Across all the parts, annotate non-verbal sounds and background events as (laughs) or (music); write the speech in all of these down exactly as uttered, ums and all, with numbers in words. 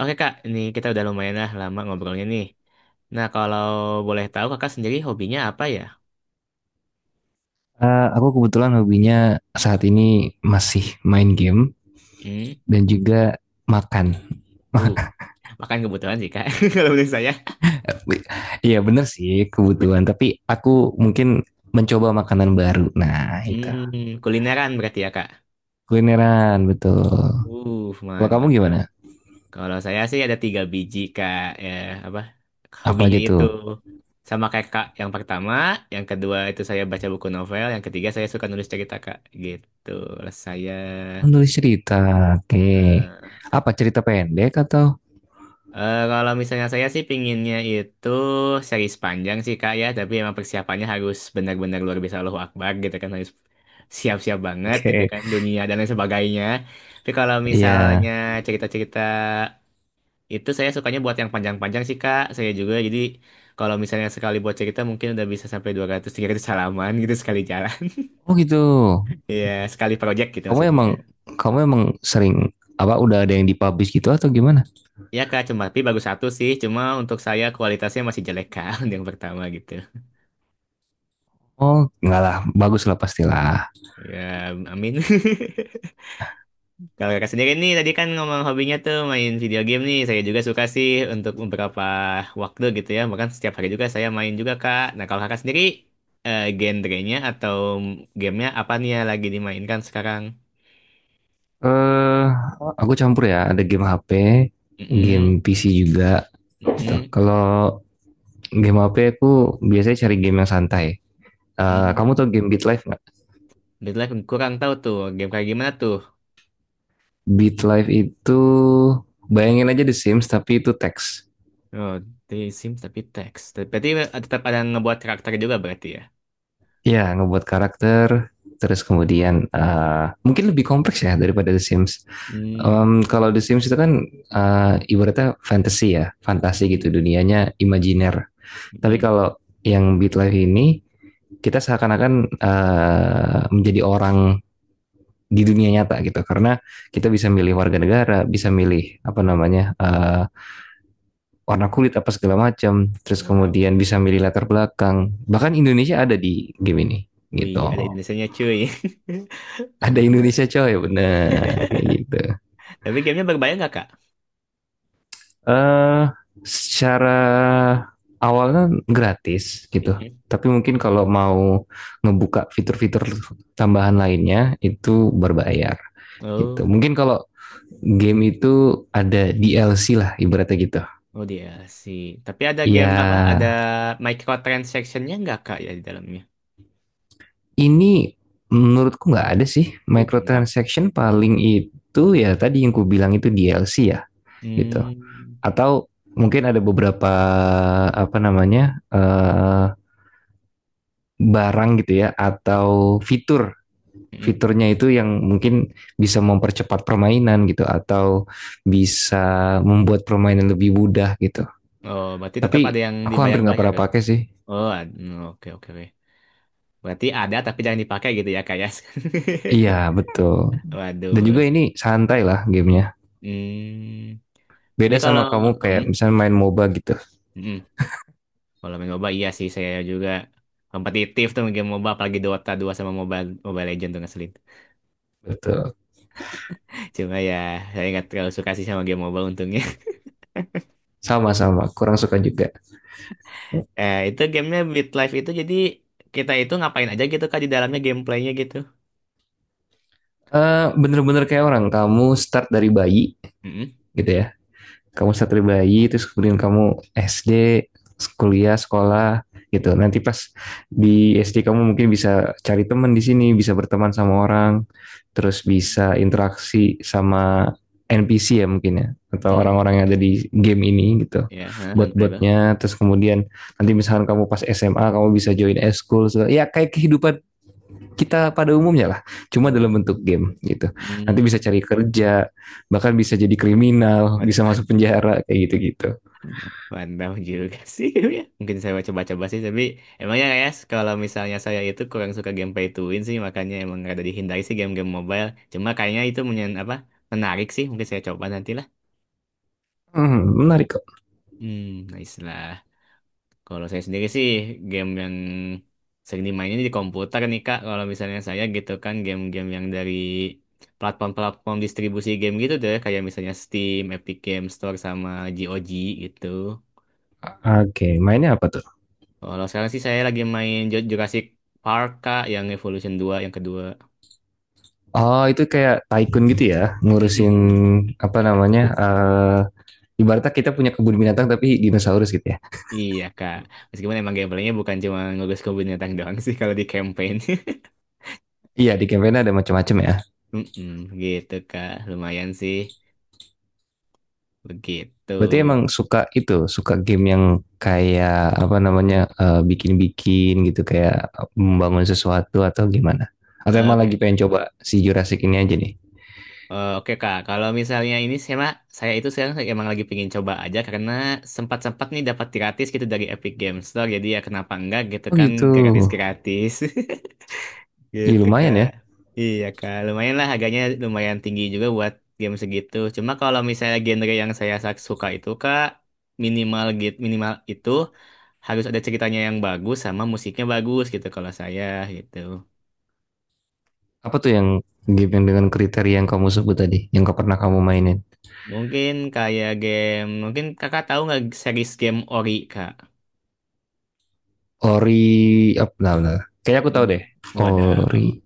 Oke kak, ini kita udah lumayan lah lama ngobrolnya nih. Nah kalau boleh tahu kakak sendiri hobinya apa ya? Eh, aku kebetulan hobinya saat ini masih main game Hmm, dan juga makan. uh, (laughs) makan kebetulan sih kak, (laughs) kalau menurut saya. Iya bener sih kebutuhan, tapi aku mungkin mencoba makanan baru. Nah itu Hmm, kulineran berarti ya kak. kulineran betul. Uh, Kalau kamu Mantap gimana? kak. Kalau saya sih ada tiga biji kak, ya apa? Apa Hobinya aja tuh? itu sama kayak kak. Yang pertama, yang kedua itu saya baca buku novel, yang ketiga saya suka nulis cerita kak. Gitu, lah saya. Menulis cerita, oke. Okay. Eh, Apa cerita pendek atau? Eh, kalau misalnya saya sih pinginnya itu seri panjang sih kak ya, tapi emang persiapannya harus benar-benar luar biasa Allahu Akbar gitu kan, harus siap-siap (laughs) banget Oke, gitu okay. kan, dunia dan lain sebagainya. Tapi kalau misalnya Iya. cerita-cerita itu saya sukanya buat yang panjang-panjang sih kak, saya juga jadi kalau misalnya sekali buat cerita mungkin udah bisa sampai dua ratus tiga ratus halaman gitu sekali jalan. (laughs) Yeah. Oh gitu. Iya, sekali project gitu Kamu maksudnya. emang kamu emang sering apa udah ada yang dipublish gitu atau gimana? Ya kak, cuma tapi bagus satu sih, cuma untuk saya kualitasnya masih jelek kak, (laughs) yang pertama gitu. Oh, enggak lah, bagus lah pastilah. Ya, amin. (laughs) Kalau kakak sendiri nih, tadi kan ngomong hobinya tuh main video game nih. Saya juga suka sih untuk beberapa waktu gitu ya. Bahkan setiap hari juga saya main juga, Kak. Nah, kalau kakak sendiri, eh, genrenya atau gamenya apa nih yang lagi dimainkan sekarang? Eh, aku campur ya. Ada game H P, game Mm-mm, P C juga. Gitu. mm-mm, Kalau game H P aku biasanya cari game yang santai. Eh, kamu mm. tau game Beat Life nggak? Dead Life kurang tahu tuh, game kayak gimana tuh? Beat Life itu bayangin aja The Sims tapi itu teks. Oh, The Sims tapi teks. Berarti tetap ada ngebuat karakter juga berarti ya? Ya, ngebuat karakter. Terus kemudian eh, mungkin lebih kompleks ya daripada The Sims. Hmm, Em, kalau The Sims itu kan eh, ibaratnya fantasy ya, fantasi gitu mm-mm, dunianya imajiner. Tapi mm-mm. kalau yang Beat Life ini kita seakan-akan eh, menjadi orang di dunia nyata gitu karena kita bisa milih warga negara, bisa milih apa namanya eh, warna kulit apa segala macam, terus Wow. kemudian bisa milih latar belakang. Bahkan Indonesia ada di game ini Wih, gitu. ada Indonesianya cuy. (laughs) Ada Mantap banget. Indonesia coy, bener kayak gitu. Tapi gamenya berbayar nggak, Kak? eh Secara awalnya gratis gitu. Mm-mm. Tapi mungkin kalau mau ngebuka fitur-fitur tambahan lainnya itu berbayar gitu. Oh, Mungkin kalau game itu ada D L C lah ibaratnya gitu. oh dia sih. Tapi ada game apa? Ada Ya microtransaction-nya nggak, Kak, ya di dalamnya? ini menurutku nggak ada sih Uh, mantap. microtransaction paling itu ya tadi yang ku bilang itu D L C ya gitu. Hmm. Atau mungkin ada beberapa apa namanya eh barang gitu ya atau fitur Mm-mm. fiturnya itu yang mungkin bisa mempercepat permainan gitu atau bisa membuat permainan lebih mudah gitu. Oh, berarti tetap ada Tapi yang aku hampir nggak dibayar-bayar, pernah ya? pakai sih. Oh, ad- mm, oke, oke, oke. Berarti ada tapi jangan dipakai gitu ya, Kak, ya? Iya betul. (laughs) Dan Waduh. juga ini santai lah gamenya. Hmm. Jadi Beda kalau... sama kamu kayak Hmm, misalnya main MOBA gitu. mm. Kalau main M O B A, iya sih. Saya juga kompetitif tuh game M O B A. Apalagi Dota dua sama Mobile, Mobile Legends tuh ngeselin. Betul. Cuma ya saya nggak terlalu suka sih sama game mobile untungnya. (laughs) Sama-sama. Kurang suka juga. Eh itu gamenya Beat Life itu jadi kita itu ngapain aja gitu kak di dalamnya gameplaynya gitu. Eh, Bener-bener kayak orang. Kamu start dari bayi Mm-mm. gitu ya. Kamu satria bayi terus kemudian kamu S D kuliah sekolah gitu nanti pas di S D kamu mungkin bisa cari teman di sini bisa berteman sama orang terus Mm, mm, bisa interaksi sama N P C ya mungkin ya mm, atau mm. orang-orang yang ada di game ini gitu Ya, ha, non-playable. bot-botnya terus kemudian nanti misalkan kamu pas S M A kamu bisa join eskul ya kayak kehidupan kita pada umumnya lah, cuma dalam Waduh. bentuk game gitu. Nanti bisa Hmm. cari kerja, bahkan bisa jadi kriminal, Waduh, bisa masuk penjara kayak gitu-gitu. mantap juga sih. (laughs) Ya. Mungkin saya coba-coba sih, tapi emangnya ya kalau misalnya saya itu kurang suka gameplay tuin sih, makanya emang ada dihindari sih game-game mobile. Cuma kayaknya itu menyen apa menarik sih, mungkin saya coba nantilah. Hmm, menarik kok. Hmm, nice lah. Kalau saya sendiri sih game yang sering dimainin di komputer nih Kak. Kalau misalnya saya gitu kan game-game yang dari platform-platform distribusi game gitu deh. Kayak misalnya Steam, Epic Game Store, sama GOG gitu. Oke, mainnya apa tuh? Kalau sekarang sih saya lagi main Ju- Jurassic Park Kak, yang Evolution dua yang kedua. Oh, itu kayak tycoon gitu ya, ngurusin Mm-mm. apa namanya? Eh ibaratnya kita punya kebun binatang tapi dinosaurus gitu ya. Iya Kak. Meskipun emang gameplaynya bukan cuma ngegas ke binatang doang sih kalau di campaign. (laughs) Iya, di campaign ada macam-macam ya. Mm-mm. Gitu Kak. Lumayan sih. Begitu. Berarti emang suka itu, suka game yang kayak apa namanya eh, bikin-bikin gitu, kayak membangun sesuatu atau gimana? Atau emang lagi Oke. pengen coba si Jurassic ini aja nih? Eh, Oke Kak, kalau misalnya ini saya saya itu sekarang emang lagi pengen coba aja karena sempat-sempat nih dapat gratis gitu dari Epic Games Store jadi ya kenapa enggak gitu Oh kan gitu. gratis-gratis (laughs) Ih, gitu lumayan Kak. ya. Iya Kak, lumayan lah harganya lumayan tinggi juga buat game segitu. Cuma kalau misalnya genre yang saya sa- suka itu Kak minimal gitu minimal itu harus ada ceritanya yang bagus sama musiknya bagus gitu kalau saya gitu. Apa tuh yang game yang dengan kriteria yang kamu sebut tadi, yang gak pernah kamu mainin? Mungkin kayak game, mungkin kakak tahu nggak series game Ori, Kak? Ori, apa? Nah, nah. Kayaknya aku tahu deh. Ori. Wadaw.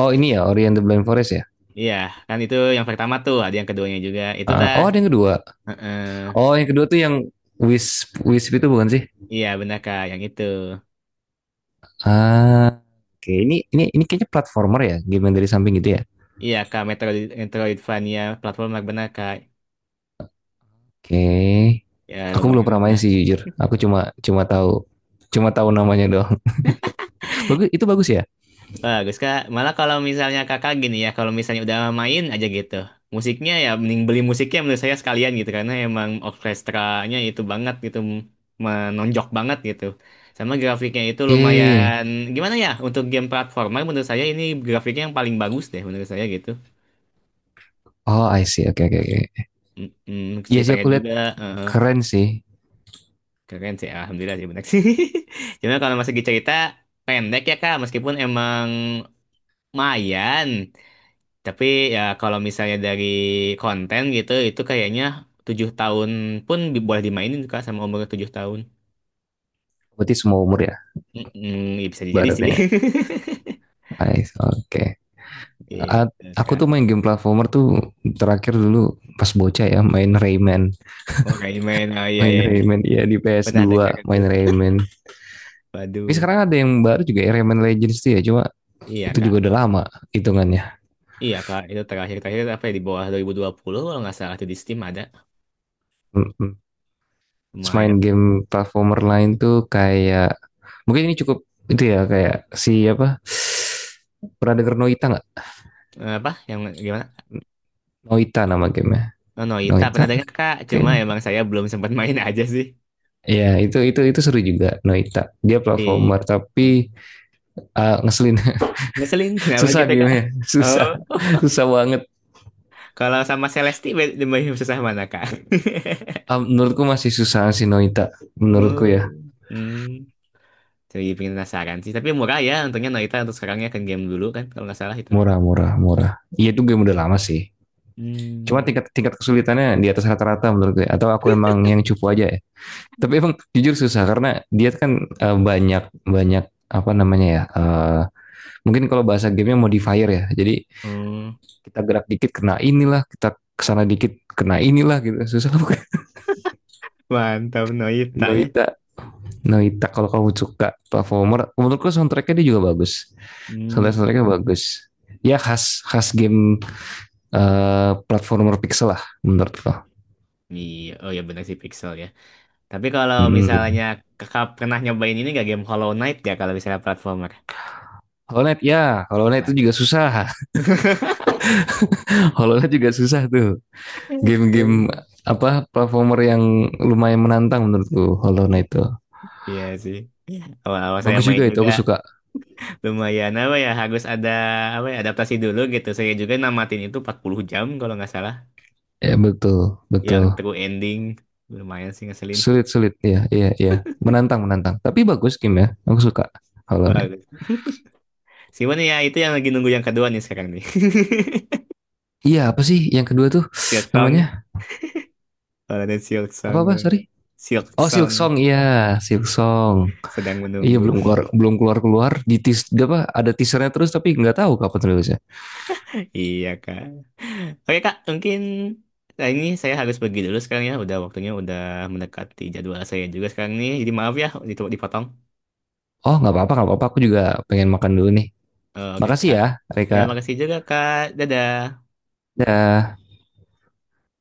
Oh ini ya, Ori and the Blind Forest ya. Iya, kan itu yang pertama tuh, ada yang keduanya juga. Itu Ah, tah. oh ada yang kedua. Heeh. Oh yang kedua tuh yang Wisp, Wisp itu bukan sih? Iya, benar Kak, yang itu. Ah, oke. Ini ini ini kayaknya platformer ya, game yang dari samping gitu ya. Iya Kak, Metroid, Metroidvania platformer benar Kak. Oke. Ya, Aku belum pernah lumayan main lah. sih jujur. Aku cuma cuma tahu cuma tahu namanya doang. (laughs) Bagus, itu bagus ya? Bagus kak. Malah kalau misalnya kakak gini ya, kalau misalnya udah main aja gitu, musiknya ya mending beli musiknya menurut saya sekalian gitu karena emang orkestranya itu banget gitu menonjok banget gitu. Sama grafiknya itu Oke. lumayan gimana ya, untuk game platformer menurut saya ini grafiknya yang paling bagus deh menurut saya gitu. Oh, I see. Oke, oke, oke. Mm-mm, Iya sih ceritanya aku lihat juga eh, eh, keren sih. keren sih, alhamdulillah sih benar sih. (laughs) Cuma kalau masih cerita pendek ya kak, meskipun emang lumayan. Tapi ya kalau misalnya dari konten gitu, itu kayaknya tujuh tahun pun di- boleh dimainin Kak sama umur tujuh tahun. Berarti semua umur ya, Mm-mm, ya bisa jadi sih. baratnya. (laughs) I see. Oke. Gitu A- Aku tuh Kak. main game platformer tuh terakhir dulu pas bocah ya, main Rayman. Oh main, oh iya Main iya. Iya. Rayman, iya di ps Pernah dua. dengar itu. Main Rayman. Tapi Waduh. sekarang ada yang baru juga ya, Rayman Legends tuh ya, cuma Iya itu juga Kak. udah lama hitungannya. Iya Kak, itu terakhir-terakhir apa ya di bawah dua dua ribu dua puluh kalau nggak salah itu di Steam ada. mm Terus main Lumayan. game platformer lain tuh kayak mungkin ini cukup itu ya kayak si apa pernah denger Noita nggak? Eh, Apa? Yang gimana? Noita nama gamenya. Oh, Noita Noita pernah dengar Kak, cuma kayaknya. emang saya belum sempat main (laughs) aja sih. Ya itu itu itu seru juga Noita. Dia Iya. platformer tapi Hmm. ah, ngeselin. Ngeselin, (laughs) (laughs) kenapa Susah gitu Kak? gamenya susah, Oh. (laughs) susah banget. Kalau sama Celesti be- lebih susah mana, Kak? (laughs) Ah, menurutku masih susah si Noita. Menurutku ya Hmm. Hmm. Jadi pengen penasaran sih. Tapi murah ya untungnya Noita untuk sekarangnya kan game dulu kan kalau nggak salah itu. murah murah murah. Iya itu game udah lama sih. Cuma Hmm. tingkat tingkat kesulitannya di atas rata-rata menurut gue. Atau aku emang yang cupu aja ya? Tapi emang jujur susah karena dia kan eh, banyak banyak apa namanya ya? Eh, mungkin kalau bahasa gamenya modifier ya. Jadi Hmm. kita gerak dikit kena inilah, kita kesana dikit kena inilah gitu. (laughs) Susah bukan? Mantap Noita ya. Noita, Noita kalau kamu suka performer, menurutku soundtracknya dia juga bagus. Soundtrack Hmm. Soundtracknya bagus. Ya khas khas game eh, platformer pixel lah menurutku. Iya, oh ya benar sih Pixel ya. Tapi kalau misalnya Hmm. kakak pernah nyobain ini gak game Hollow Knight ya kalau misalnya platformer? Hollow Knight ya, Hollow Knight itu juga Mantap. susah. (laughs) Hollow Knight juga susah tuh. Game-game apa platformer yang lumayan menantang menurutku Hollow Knight itu. Iya sih. Iya, awal-awal saya Bagus main juga itu juga. aku suka. Lumayan apa ya, harus ada apa ya adaptasi dulu gitu. Saya juga namatin itu empat puluh jam kalau nggak salah Ya betul, yang betul. true ending. Lumayan sih ngeselin. Sulit-sulit ya, iya iya. Iya. Menantang menantang. Tapi bagus game ya. Aku suka Hollow Knight. Bagus. Cuman ya itu yang lagi nunggu yang kedua nih sekarang nih. Iya, apa sih yang kedua tuh (laughs) Silk namanya? Song. Kalau ada Silk Song Apa-apa? kalau Sorry. Silk Oh, Silk Song Song. Iya, Silk Song. sedang Iya menunggu. belum (laughs) keluar belum keluar keluar di teas, apa ada teasernya terus tapi nggak tahu kapan rilisnya. Iya Kak. Oke Kak, mungkin nah ini saya harus pergi dulu sekarang ya. Udah waktunya udah mendekati jadwal saya juga sekarang nih. Jadi maaf ya ditu- dipotong. Oh nggak apa-apa nggak apa-apa aku juga pengen makan dulu nih. Eh, Oke Makasih Kak. ya Ya Reka. makasih juga Kak. Dadah. Dah.